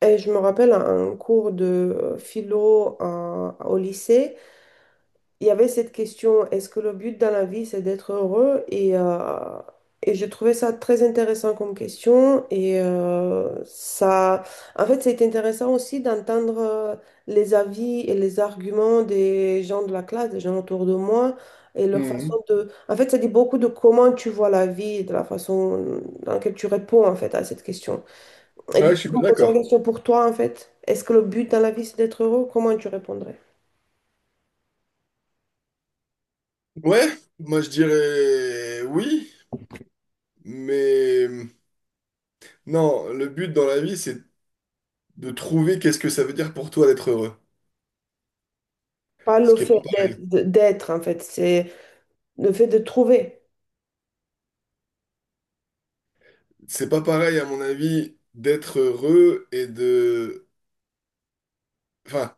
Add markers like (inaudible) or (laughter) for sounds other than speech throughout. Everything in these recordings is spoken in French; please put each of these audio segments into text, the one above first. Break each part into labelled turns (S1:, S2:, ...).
S1: Et je me rappelle un cours de philo au lycée, il y avait cette question, est-ce que le but dans la vie, c'est d'être heureux? Et je trouvais ça très intéressant comme question. Ça, en fait, c'est intéressant aussi d'entendre les avis et les arguments des gens de la classe, des gens autour de moi, et leur façon
S2: Hmm.
S1: de... En fait, ça dit beaucoup de comment tu vois la vie, de la façon dans laquelle tu réponds, en fait, à cette question. Et
S2: Ouais,
S1: du
S2: je
S1: coup,
S2: suis
S1: je
S2: bien
S1: me posais la
S2: d'accord.
S1: question pour toi, en fait. Est-ce que le but dans la vie, c'est d'être heureux? Comment tu répondrais?
S2: Ouais, moi je dirais oui, mais non, le but dans la vie, c'est de trouver qu'est-ce que ça veut dire pour toi d'être heureux.
S1: Pas
S2: Ce
S1: le
S2: qui est
S1: fait
S2: pas pareil.
S1: d'être, d'être, en fait, c'est le fait de trouver.
S2: C'est pas pareil, à mon avis, d'être heureux et de... Enfin,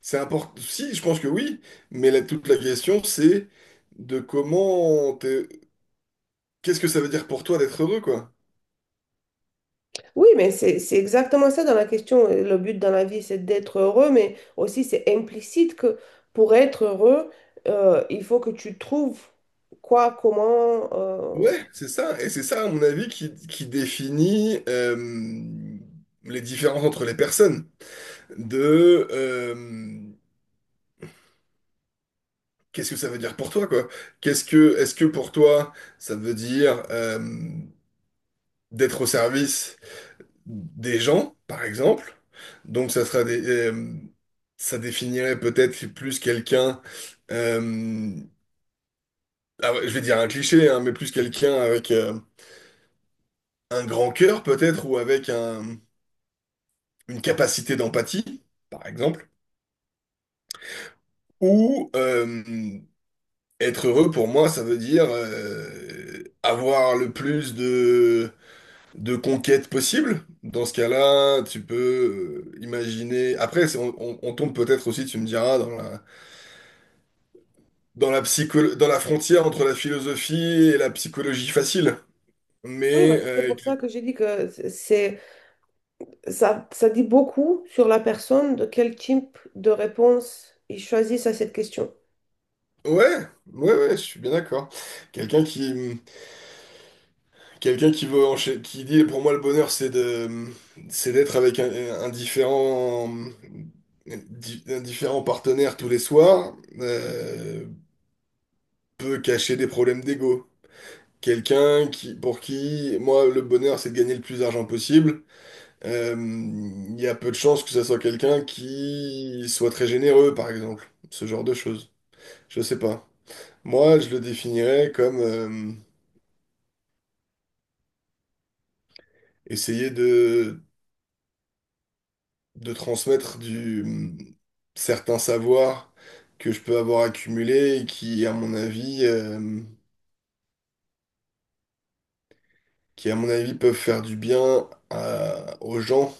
S2: c'est important. Si, je pense que oui, mais toute la question, c'est de comment... Qu'est-ce que ça veut dire pour toi d'être heureux, quoi?
S1: Oui, mais c'est exactement ça dans la question. Le but dans la vie, c'est d'être heureux, mais aussi c'est implicite que pour être heureux, il faut que tu trouves quoi, comment.
S2: Ouais, c'est ça. Et c'est ça, à mon avis, qui définit les différences entre les personnes. De Qu'est-ce que ça veut dire pour toi, quoi? Est-ce que pour toi, ça veut dire d'être au service des gens, par exemple? Donc ça sera ça définirait peut-être plus quelqu'un, euh, ah ouais, je vais dire un cliché, hein, mais plus quelqu'un avec un grand cœur peut-être ou avec une capacité d'empathie, par exemple. Ou Être heureux pour moi, ça veut dire avoir le plus de conquêtes possible. Dans ce cas-là, tu peux imaginer. Après, on, on tombe peut-être aussi, tu me diras, dans la, dans la dans la frontière entre la philosophie et la psychologie facile.
S1: Oui,
S2: Mais
S1: bah, c'est pour ça que j'ai dit que ça dit beaucoup sur la personne de quel type de réponse ils choisissent à cette question.
S2: ouais, ouais, je suis bien d'accord. Quelqu'un qui Quelqu'un qui veut qui dit pour moi le bonheur c'est d'être avec un différent un différent partenaire tous les soirs peut cacher des problèmes d'ego. Quelqu'un qui pour qui moi le bonheur c'est de gagner le plus d'argent possible. euh, Il y a peu de chances que ça soit quelqu'un qui soit très généreux par exemple. Ce genre de choses. Je sais pas. Moi je le définirais comme essayer de transmettre du certains savoirs que je peux avoir accumulé et qui, à mon avis, qui, à mon avis, peuvent faire du bien aux gens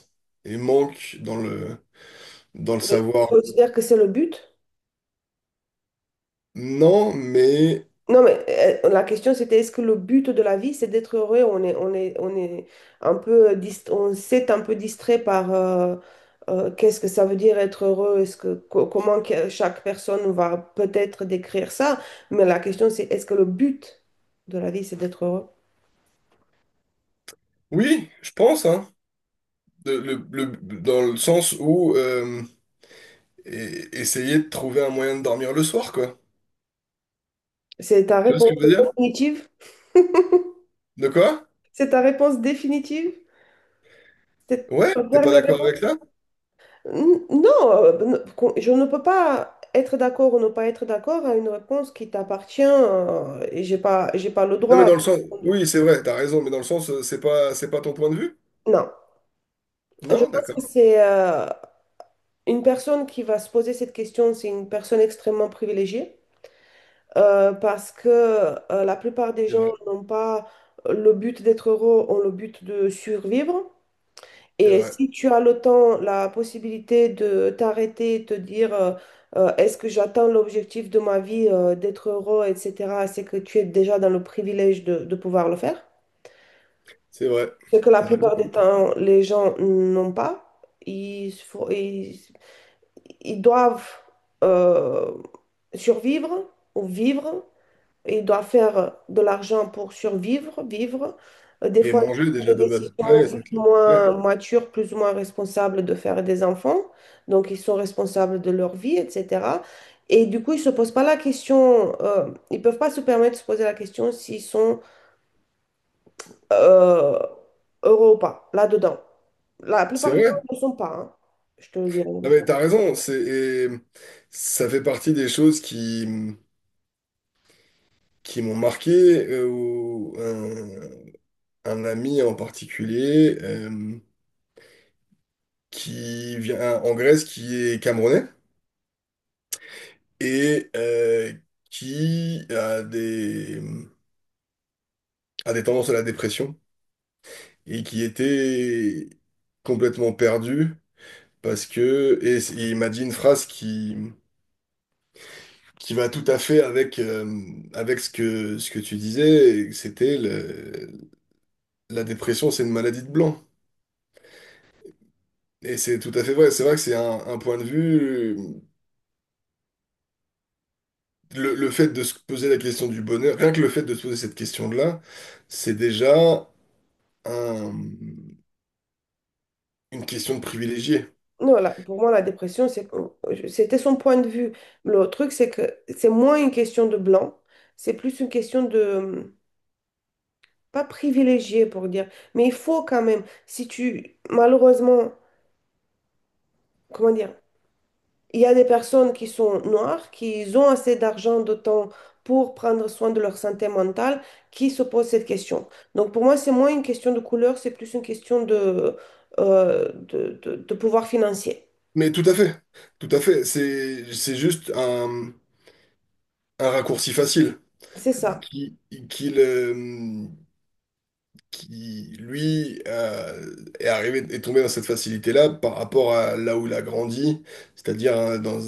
S2: et manquent dans le
S1: Mais je
S2: savoir.
S1: considère que c'est le but.
S2: Non, mais
S1: Non, mais la question c'était est-ce que le but de la vie c'est d'être heureux? On est un peu, on s'est un peu distrait par qu'est-ce que ça veut dire être heureux? Est-ce que, comment chaque personne va peut-être décrire ça? Mais la question c'est est-ce que le but de la vie c'est d'être heureux?
S2: oui, je pense, hein, De- le- le- dans le sens où essayer de trouver un moyen de dormir le soir, quoi.
S1: C'est ta
S2: Tu vois ce
S1: réponse
S2: que je veux dire?
S1: définitive? (laughs)
S2: De quoi?
S1: C'est ta réponse définitive? C'est
S2: Ouais,
S1: ta
S2: t'es pas
S1: dernière
S2: d'accord
S1: réponse?
S2: avec ça?
S1: Non, ben, je ne peux pas être d'accord ou ne pas être d'accord à une réponse qui t'appartient et j'ai pas le
S2: Non, mais
S1: droit.
S2: dans le sens, oui, c'est vrai, t'as raison, mais dans le sens, c'est pas ton point de vue?
S1: Non, je
S2: Non,
S1: pense que
S2: d'accord,
S1: c'est une personne qui va se poser cette question, c'est une personne extrêmement privilégiée parce que la plupart des
S2: c'est
S1: gens
S2: vrai,
S1: n'ont pas le but d'être heureux, ont le but de survivre.
S2: c'est
S1: Et
S2: vrai,
S1: si tu as le temps, la possibilité de t'arrêter, te dire est-ce que j'atteins l'objectif de ma vie, d'être heureux, etc., c'est que tu es déjà dans le privilège de pouvoir le faire.
S2: c'est vrai.
S1: Ce que la
S2: T'as
S1: plupart des
S2: raison.
S1: temps, les gens n'ont pas. Ils, fo- ils, ils doivent euh, survivre ou vivre, il doit faire de l'argent pour survivre, vivre. Des
S2: Et
S1: fois, ils
S2: manger
S1: ont
S2: déjà
S1: pris des
S2: de base.
S1: décisions
S2: Ah ouais, c'est
S1: plus ou
S2: clair.
S1: moins matures, plus ou moins responsables de faire des enfants. Donc, ils sont responsables de leur vie, etc. Et du coup, ils ne se posent pas la question, ils ne peuvent pas se permettre de se poser la question s'ils sont euh, heureux ou pas, là-dedans. La
S2: C'est
S1: plupart du temps,
S2: vrai.
S1: ils ne le sont pas, hein, je te le dirais.
S2: Ah mais t'as raison. C'est et ça fait partie des choses qui m'ont marqué ou un ami en particulier qui vient en Grèce, qui est camerounais et qui a des tendances à la dépression et qui était complètement perdu parce que et il m'a dit une phrase qui va tout à fait avec avec ce que tu disais et c'était la dépression c'est une maladie de blanc et c'est tout à fait vrai, c'est vrai que c'est un point de vue, le fait de se poser la question du bonheur, rien que le fait de se poser cette question-là c'est déjà un- une question de privilégié.
S1: Non, là, pour moi, la dépression, c'est, c'était son point de vue. Le truc, c'est que c'est moins une question de blanc, c'est plus une question de, pas privilégié pour dire, mais il faut quand même, si tu, malheureusement, comment dire, il y a des personnes qui sont noires, qui ont assez d'argent, de temps pour prendre soin de leur santé mentale, qui se posent cette question. Donc pour moi, c'est moins une question de couleur, c'est plus une question de, de pouvoir financier.
S2: Mais tout à fait, tout à fait, c'est juste un raccourci facile
S1: C'est ça.
S2: qui, qui le- qui, lui, est arrivé, est tombé dans cette facilité-là par rapport à là où il a grandi, c'est-à-dire dans,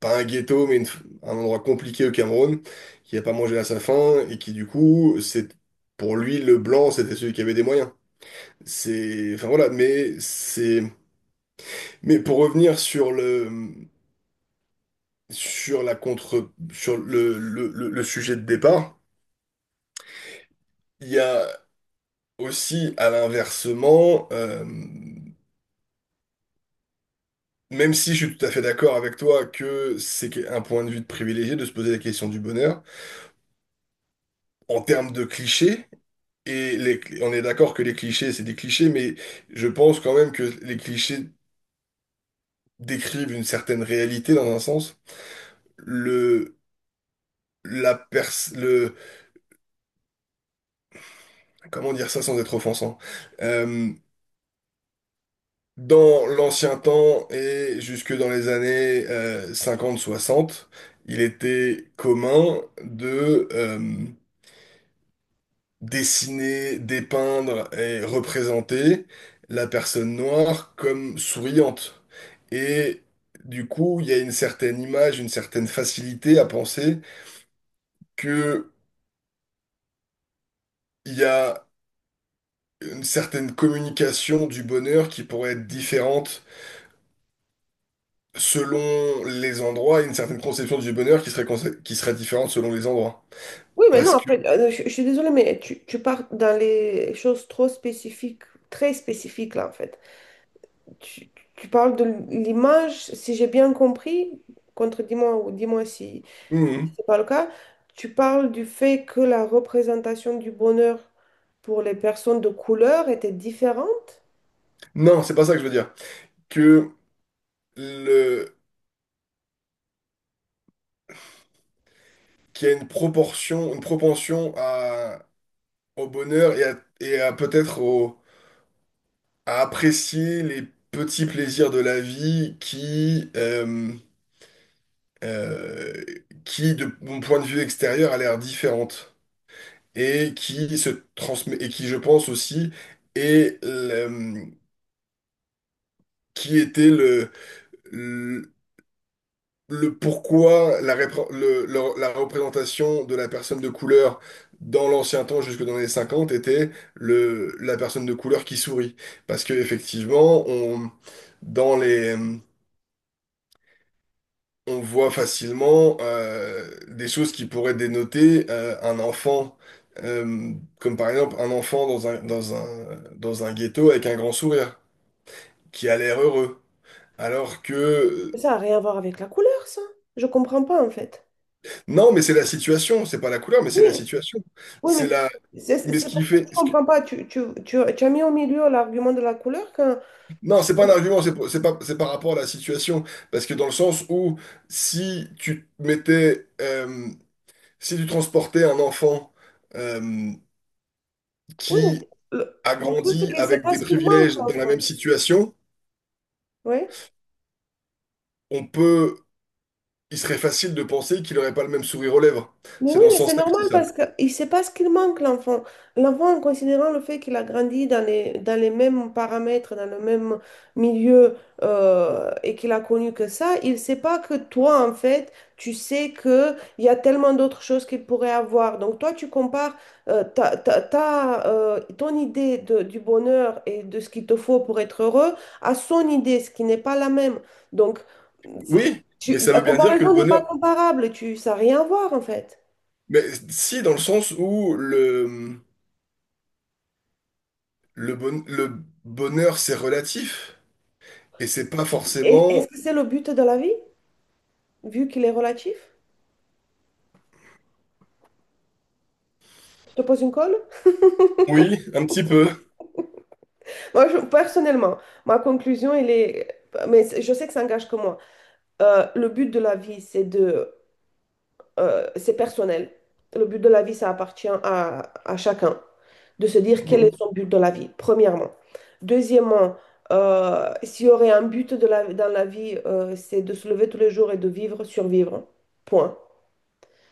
S2: pas un ghetto, mais un endroit compliqué au Cameroun, qui n'a pas mangé à sa faim, et qui, du coup, c'est, pour lui, le blanc, c'était celui qui avait des moyens. C'est, enfin voilà, mais c'est, mais pour revenir sur le, sur le sujet de départ, il y a aussi à l'inversement, même si je suis tout à fait d'accord avec toi que c'est un point de vue de privilégié de se poser la question du bonheur, en termes de clichés, et on est d'accord que les clichés, c'est des clichés, mais je pense quand même que les clichés décrivent une certaine réalité dans un sens. Le, le, comment dire ça sans être offensant? Euh, Dans l'ancien temps et jusque dans les années cinquante soixante il était commun de dessiner, dépeindre et représenter la personne noire comme souriante. Et du coup, il y a une certaine image, une certaine facilité à penser que il y a une certaine communication du bonheur qui pourrait être différente selon les endroits et une certaine conception du bonheur qui serait, qui serait différente selon les endroits.
S1: Oui, mais non,
S2: Parce que...
S1: après, je suis désolée, mais tu pars dans les choses trop spécifiques, très spécifiques, là, en fait. Tu parles de l'image, si j'ai bien compris, contredis-moi ou dis-moi si
S2: Mhm.
S1: c'est pas le cas, tu parles du fait que la représentation du bonheur pour les personnes de couleur était différente?
S2: Non, c'est pas ça que je veux dire. Que le... qu'il y a une proportion, une propension à au bonheur et à peut-être à apprécier les petits plaisirs de la vie qui, euh, qui de mon point de vue extérieur, a l'air différente et qui se transmet et qui, je pense aussi, est qui était le pourquoi la, la représentation de la personne de couleur dans l'ancien temps jusque dans les 50 était le, la personne de couleur qui sourit. Parce que effectivement, on, dans les, on voit facilement des choses qui pourraient dénoter un enfant. euh, Comme par exemple un enfant dans un, dans un, dans un ghetto avec un grand sourire, qui a l'air heureux. Alors que...
S1: Ça n'a rien à voir avec la couleur, ça. Je comprends pas, en fait.
S2: Non, mais c'est la situation, c'est pas la couleur, mais c'est
S1: Oui,
S2: la situation.
S1: oui,
S2: C'est
S1: mais
S2: la,
S1: c'est
S2: mais ce
S1: c'est
S2: qui
S1: pour ça que
S2: fait...
S1: je
S2: ce que-
S1: comprends pas. Tu as mis au milieu l'argument de la couleur quand...
S2: Non, c'est pas un argument, c'est pas, c'est par rapport à la situation. Parce que dans le sens où si tu mettais... si tu transportais un enfant euh,
S1: Oui,
S2: qui
S1: mais
S2: a
S1: le truc, c'est
S2: grandi
S1: que c'est
S2: avec
S1: pas
S2: des
S1: ce qui manque,
S2: privilèges dans la même
S1: l'enfant.
S2: situation,
S1: Oui?
S2: on peut... Il serait facile de penser qu'il n'aurait pas le même sourire aux lèvres.
S1: Mais
S2: C'est
S1: oui,
S2: dans ce
S1: mais c'est
S2: sens-là que je
S1: normal
S2: dis ça.
S1: parce qu'il ne sait pas ce qu'il manque, l'enfant. L'enfant, en considérant le fait qu'il a grandi dans les mêmes paramètres, dans le même milieu et qu'il a connu que ça, il ne sait pas que toi, en fait, tu sais qu'il y a tellement d'autres choses qu'il pourrait avoir. Donc, toi, tu compares ton idée du bonheur et de ce qu'il te faut pour être heureux à son idée, ce qui n'est pas la même. Donc, c'est-
S2: Oui, mais ça veut
S1: la
S2: bien dire que le
S1: comparaison n'est pas
S2: bonheur...
S1: comparable. Ça n'a rien à voir, en fait.
S2: Mais si, dans le sens où le, le bonheur, c'est relatif. Et c'est pas
S1: Et
S2: forcément...
S1: est-ce que c'est le but de la vie, vu qu'il est relatif? Je te pose une colle?
S2: Oui, un petit peu.
S1: Moi, personnellement, ma conclusion, elle est... Mais je sais que ça engage que moi. Le but de la vie, c'est de... c'est personnel. Le but de la vie, ça appartient à chacun. De se dire quel
S2: Mhm,
S1: est son but de la vie, premièrement. Deuxièmement, s'il y aurait un but de la, dans la vie, c'est de se lever tous les jours et de vivre, survivre. Point.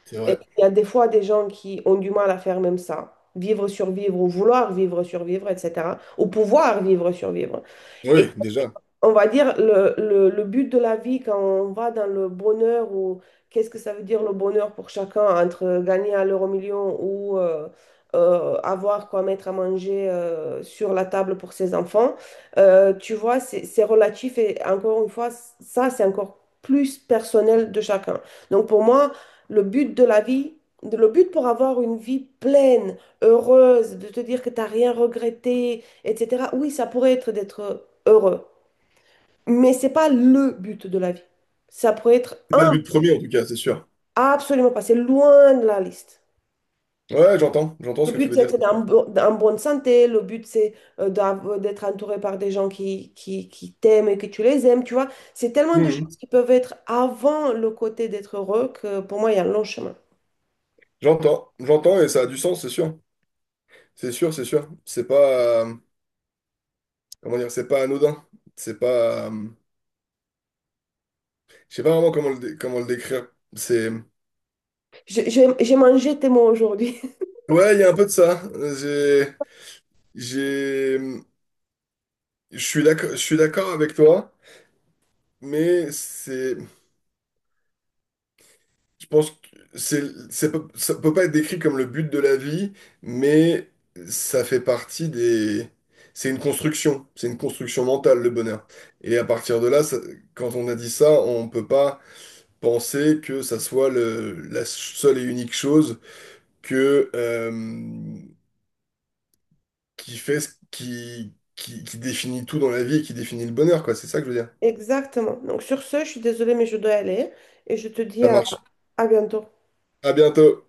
S2: c'est
S1: Et
S2: vrai.
S1: il y a des fois des gens qui ont du mal à faire même ça, vivre, survivre, ou vouloir vivre, survivre, etc. Ou pouvoir vivre, survivre,
S2: Oui, déjà.
S1: on va dire, le but de la vie quand on va dans le bonheur ou qu'est-ce que ça veut dire le bonheur pour chacun entre gagner à l'euro million ou avoir quoi mettre à manger sur la table pour ses enfants, tu vois, c'est relatif et encore une fois, ça, c'est encore plus personnel de chacun. Donc pour moi, le but de la vie, le but pour avoir une vie pleine, heureuse, de te dire que tu n'as rien regretté, etc., oui, ça pourrait être d'être heureux. Mais c'est pas le but de la vie. Ça pourrait être
S2: C'est pas
S1: un,
S2: le but premier, en tout cas, c'est sûr.
S1: absolument pas. C'est loin de la liste.
S2: Ouais, j'entends. J'entends
S1: Le
S2: ce que tu
S1: but,
S2: veux
S1: c'est
S2: dire,
S1: d'être
S2: c'est sûr.
S1: en bonne santé. Le but, c'est d'être entouré par des gens qui t'aiment et que tu les aimes. Tu vois, c'est tellement de choses
S2: Mhm.
S1: qui peuvent être avant le côté d'être heureux que pour moi, il y a un long chemin.
S2: J'entends. J'entends et ça a du sens, c'est sûr. C'est sûr, c'est sûr. C'est pas... comment dire? C'est pas anodin. C'est pas... je sais pas vraiment comment le, comment le décrire. C'est...
S1: J'ai mangé tes mots aujourd'hui.
S2: Ouais, il y a un peu de ça. J'ai... J'ai... je suis d'accord avec toi, mais c'est... Je pense que c'est, ça peut pas être décrit comme le but de la vie, mais ça fait partie des... c'est une construction mentale, le bonheur. Et à partir de là, quand on a dit ça, on peut pas penser que ça soit la seule et unique chose que, qui fait, qui définit tout dans la vie et qui définit le bonheur, quoi. C'est ça que je veux dire.
S1: (laughs) Exactement. Donc, sur ce, je suis désolée, mais je dois aller. Et je te dis
S2: Ça marche.
S1: à bientôt.
S2: À bientôt.